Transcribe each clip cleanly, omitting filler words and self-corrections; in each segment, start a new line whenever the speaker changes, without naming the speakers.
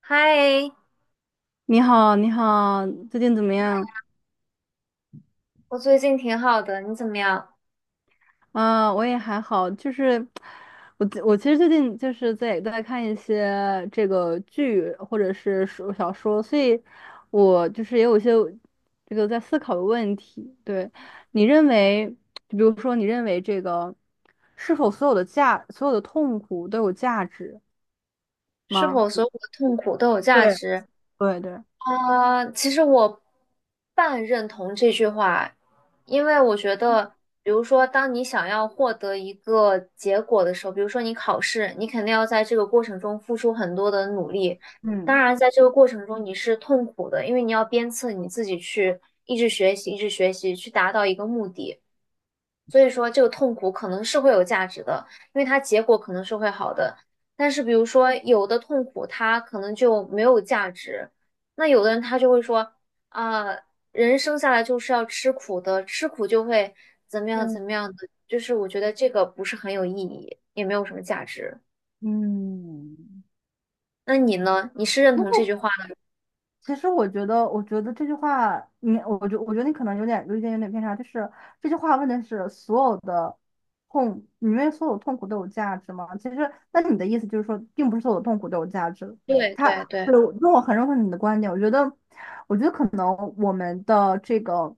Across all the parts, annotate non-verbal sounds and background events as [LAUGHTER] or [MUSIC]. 嗨，
你好，你好，最近怎么样？
我最近挺好的，你怎么样？
我也还好，就是我其实最近就是在看一些这个剧或者是说小说，所以我就是也有一些这个在思考的问题。对，你认为，就比如说，你认为这个是否所有的价，所有的痛苦都有价值
是
吗？
否所有的痛苦都有价
对
值？
对对，
其实我半认同这句话，因为我觉得，比如说，当你想要获得一个结果的时候，比如说你考试，你肯定要在这个过程中付出很多的努力。当
嗯。
然，在这个过程中你是痛苦的，因为你要鞭策你自己去一直学习，一直学习，去达到一个目的。所以说这个痛苦可能是会有价值的，因为它结果可能是会好的。但是比如说有的痛苦它可能就没有价值，那有的人他就会说啊，人生下来就是要吃苦的，吃苦就会怎么样
对，
怎么样的，就是我觉得这个不是很有意义，也没有什么价值。
嗯，
那你呢？你是认同这
那
句话的？
其实我觉得，我觉得这句话，你，我觉得你可能有点有一点有点偏差，就是这句话问的是所有的痛，你认为所有痛苦都有价值吗？其实，那你的意思就是说，并不是所有痛苦都有价值。
对
他，
对对
对，我，那我很认可你的观点，我觉得，我觉得可能我们的这个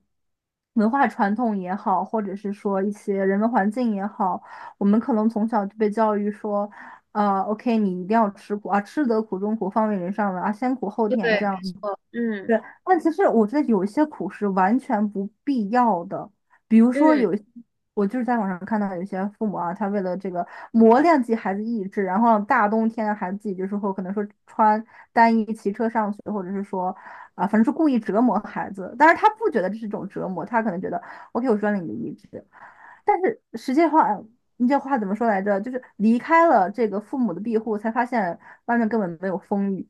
文化传统也好，或者是说一些人文环境也好，我们可能从小就被教育说。OK，你一定要吃苦啊，吃得苦中苦，方为人上人啊，先苦后甜
对，
这样。
嗯
对，但其实我觉得有一些苦是完全不必要的，比如说
嗯。
有一些我就是在网上看到有些父母啊，他为了这个磨练自己孩子意志，然后大冬天的孩子自己就是会可能说穿单衣骑车上学，或者是说反正是故意折磨孩子，但是他不觉得这是一种折磨，他可能觉得 OK，我锻炼你的意志，但是实际话，你这话怎么说来着？就是离开了这个父母的庇护，才发现外面根本没有风雨。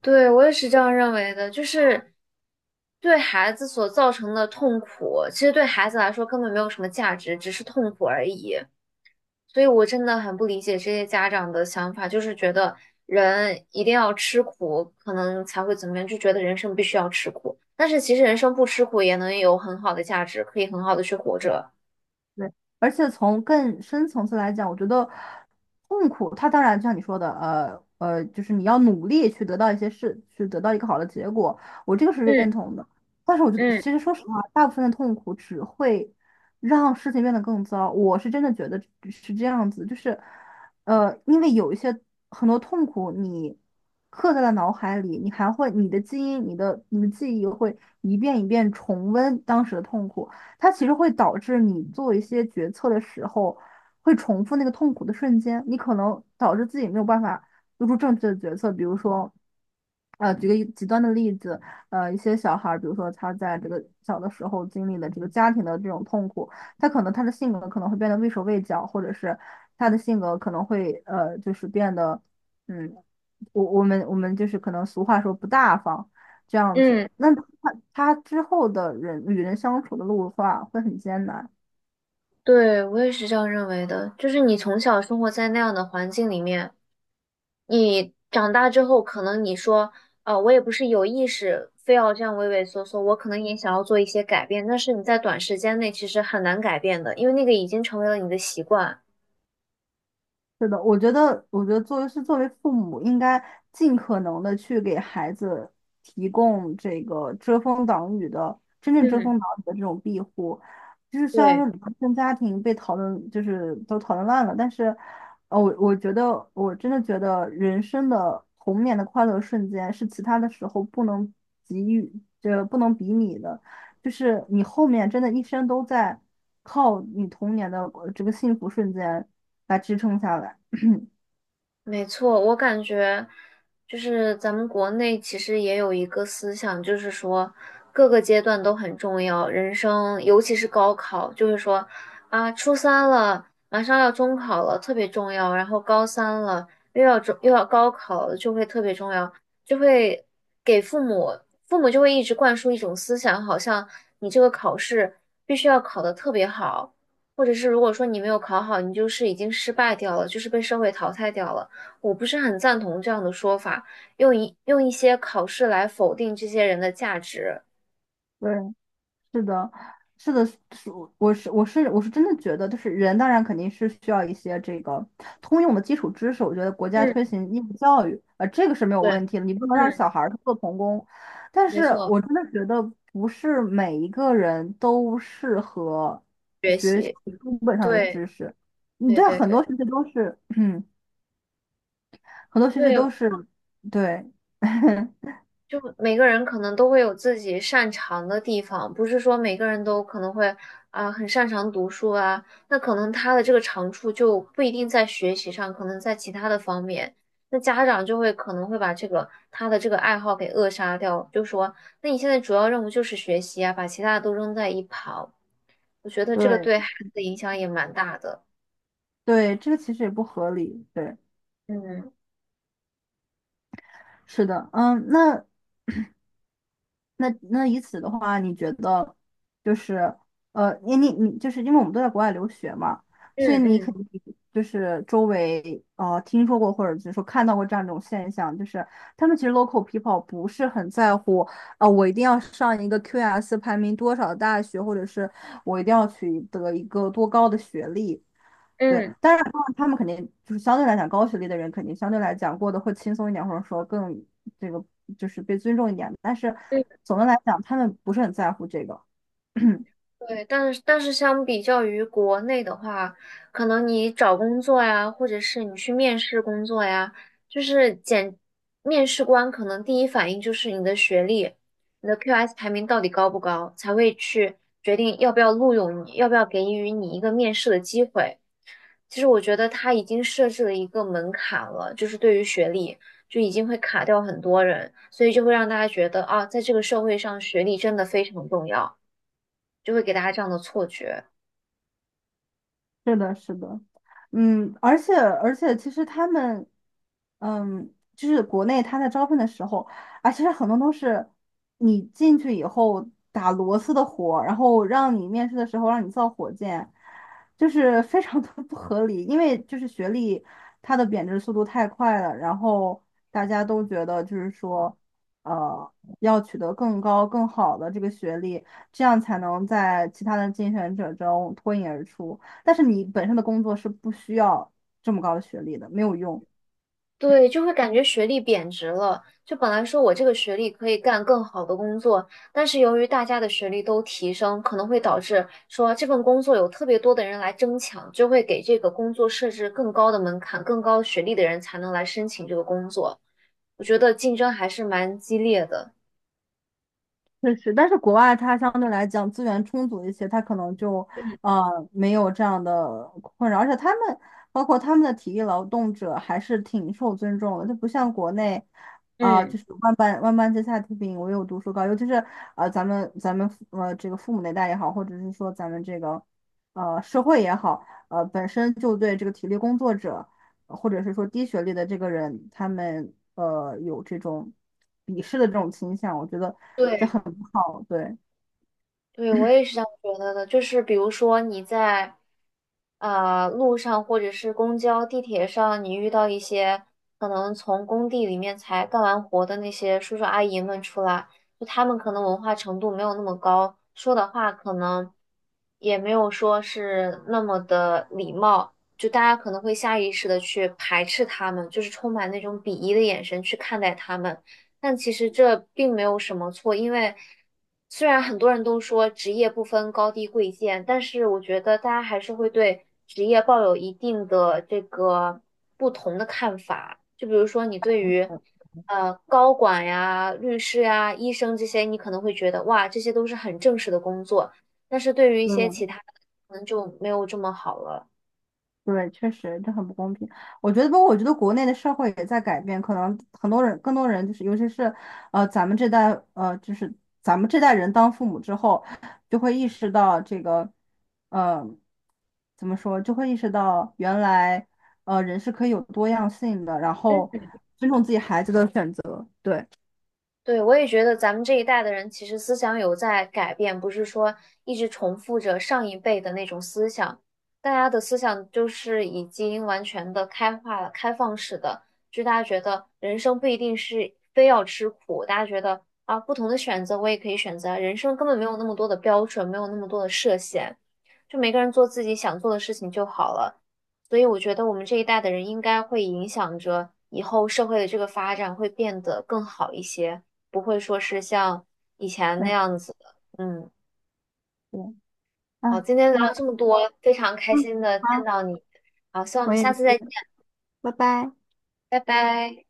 对，我也是这样认为的，就是对孩子所造成的痛苦，其实对孩子来说根本没有什么价值，只是痛苦而已。所以我真的很不理解这些家长的想法，就是觉得人一定要吃苦，可能才会怎么样，就觉得人生必须要吃苦。但是其实人生不吃苦也能有很好的价值，可以很好的去活着。
对，而且从更深层次来讲，我觉得痛苦，它当然就像你说的，就是你要努力去得到一些事，去得到一个好的结果，我这个是
嗯
认同的。但是我觉得，
嗯
其实说实话，大部分的痛苦只会让事情变得更糟。我是真的觉得是这样子，就是，因为有一些很多痛苦，你刻在了脑海里，你还会你的记忆会一遍一遍重温当时的痛苦。它其实会导致你做一些决策的时候，会重复那个痛苦的瞬间，你可能导致自己没有办法做出正确的决策。比如说，举个一极端的例子，一些小孩儿，比如说他在这个小的时候经历了这个家庭的这种痛苦，他可能他的性格可能会变得畏手畏脚，或者是他的性格可能会呃，就是变得，嗯，我们就是可能俗话说不大方。这样
嗯，
子。他之后的人与人相处的路的话，会很艰难。
对，我也是这样认为的，就是你从小生活在那样的环境里面。你长大之后，可能你说，我也不是有意识非要这样畏畏缩缩，我可能也想要做一些改变，但是你在短时间内其实很难改变的，因为那个已经成为了你的习惯。
是的，我觉得，作为父母，应该尽可能的去给孩子提供这个遮风挡雨的，真正遮
嗯。
风挡雨的这种庇护。就是虽然
对。
说离婚家庭被讨论，就是都讨论烂了，但是，我觉得，我真的觉得人生的童年的快乐瞬间是其他的时候不能给予，这不能比拟的。就是你后面真的一生都在靠你童年的这个幸福瞬间来支撑下来。
没错，我感觉就是咱们国内其实也有一个思想，就是说各个阶段都很重要，人生尤其是高考，就是说啊，初三了，马上要中考了，特别重要，然后高三了，又要中又要高考了，就会特别重要，就会给父母，父母就会一直灌输一种思想，好像你这个考试必须要考得特别好，或者是如果说你没有考好，你就是已经失败掉了，就是被社会淘汰掉了。我不是很赞同这样的说法，用一些考试来否定这些人的价值。
对，是的，是的，我是真的觉得，就是人当然肯定是需要一些这个通用的基础知识。我觉得国家
嗯
推行义务教育，这个是没有
对，
问题的，你不能让小
嗯，
孩儿去做童工。但
没
是
错，
我真的觉得不是每一个人都适合
学
学习
习，
书本上的
对，
知识。你
对
对啊
对
很
对
多学习都是，[CLEARS THROAT] 嗯，很多学习
对，
都是，对，[LAUGHS]
就每个人可能都会有自己擅长的地方，不是说每个人都可能会很擅长读书啊，那可能他的这个长处就不一定在学习上，可能在其他的方面，那家长就会可能会把这个他的这个爱好给扼杀掉，就说那你现在主要任务就是学习啊，把其他的都扔在一旁，我觉得这个
对
对孩子的影响也蛮大的。
对，这个其实也不合理。对，
嗯
是的，嗯，那。那以此的话，你觉得就是呃，你你你，就是因为我们都在国外留学嘛，所以
嗯
你
嗯
肯定就是周围听说过或者就是说看到过这样一种现象，就是他们其实 local people 不是很在乎我一定要上一个 QS 排名多少的大学，或者是我一定要取得一个多高的学历，对，
嗯嗯。
但是他们肯定就是相对来讲，高学历的人肯定相对来讲过得会轻松一点，或者说更这个就是被尊重一点。但是总的来讲，他们不是很在乎这个。[CLEARS THROAT]
对，但是相比较于国内的话，可能你找工作呀，或者是你去面试工作呀，就是简，面试官可能第一反应就是你的学历，你的 QS 排名到底高不高，才会去决定要不要录用你，要不要给予你一个面试的机会。其实我觉得他已经设置了一个门槛了，就是对于学历就已经会卡掉很多人，所以就会让大家觉得啊，在这个社会上学历真的非常重要，就会给大家这样的错觉。
是的，是的，嗯，而且，其实他们，嗯，就是国内他在招聘的时候，啊，其实很多都是你进去以后打螺丝的活，然后让你面试的时候让你造火箭，就是非常的 [LAUGHS] 不合理，因为就是学历它的贬值速度太快了，然后大家都觉得就是说，呃，要取得更高更好的这个学历，这样才能在其他的竞选者中脱颖而出。但是你本身的工作是不需要这么高的学历的，没有用。
对，就会感觉学历贬值了。就本来说我这个学历可以干更好的工作，但是由于大家的学历都提升，可能会导致说这份工作有特别多的人来争抢，就会给这个工作设置更高的门槛，更高学历的人才能来申请这个工作。我觉得竞争还是蛮激烈的。
确实，但是国外它相对来讲资源充足一些，它可能就
嗯。
呃没有这样的困扰，而且他们包括他们的体力劳动者还是挺受尊重的，就不像国内
嗯，
就是万般皆下品，唯有读书高，尤其是呃咱们咱们父呃这个父母那代也好，或者是说咱们这个社会也好，本身就对这个体力工作者或者是说低学历的这个人，他们有这种鄙视的这种倾向，我觉得。这。
对。
好，对，
对，我也是这样觉得的。就是比如说你在路上或者是公交、地铁上，你遇到一些可能从工地里面才干完活的那些叔叔阿姨们出来，就他们可能文化程度没有那么高，说的话可能也没有说是那么的礼貌，就大家可能会下意识的去排斥他们，就是充满那种鄙夷的眼神去看待他们。但其实这并没有什么错，因为虽然很多人都说职业不分高低贵贱，但是我觉得大家还是会对职业抱有一定的这个不同的看法。就比如说，你对
嗯，
于高管呀、律师呀、医生这些，你可能会觉得哇，这些都是很正式的工作，但是对于一些其
嗯
他的，可能就没有这么好了。
对，确实这很不公平。我觉得，不过我觉得国内的社会也在改变，可能很多人，更多人就是，尤其是咱们这代，就是咱们这代人当父母之后，就会意识到这个，呃，怎么说，就会意识到原来，人是可以有多样性的，然后尊重自己孩子的选择。对，
对，我也觉得咱们这一代的人其实思想有在改变，不是说一直重复着上一辈的那种思想。大家的思想就是已经完全的开化了、开放式的，就大家觉得人生不一定是非要吃苦，大家觉得啊，不同的选择我也可以选择啊，人生根本没有那么多的标准，没有那么多的设限，就每个人做自己想做的事情就好了。所以我觉得我们这一代的人应该会影响着以后社会的这个发展，会变得更好一些。不会说是像以前那
对，
样子的。嗯，
对，
好，
啊，
今天聊
那
了这么多，非常开
嗯，
心的见
好，
到你。好，希望我
我
们
也
下次再见，
是，拜拜。
拜拜。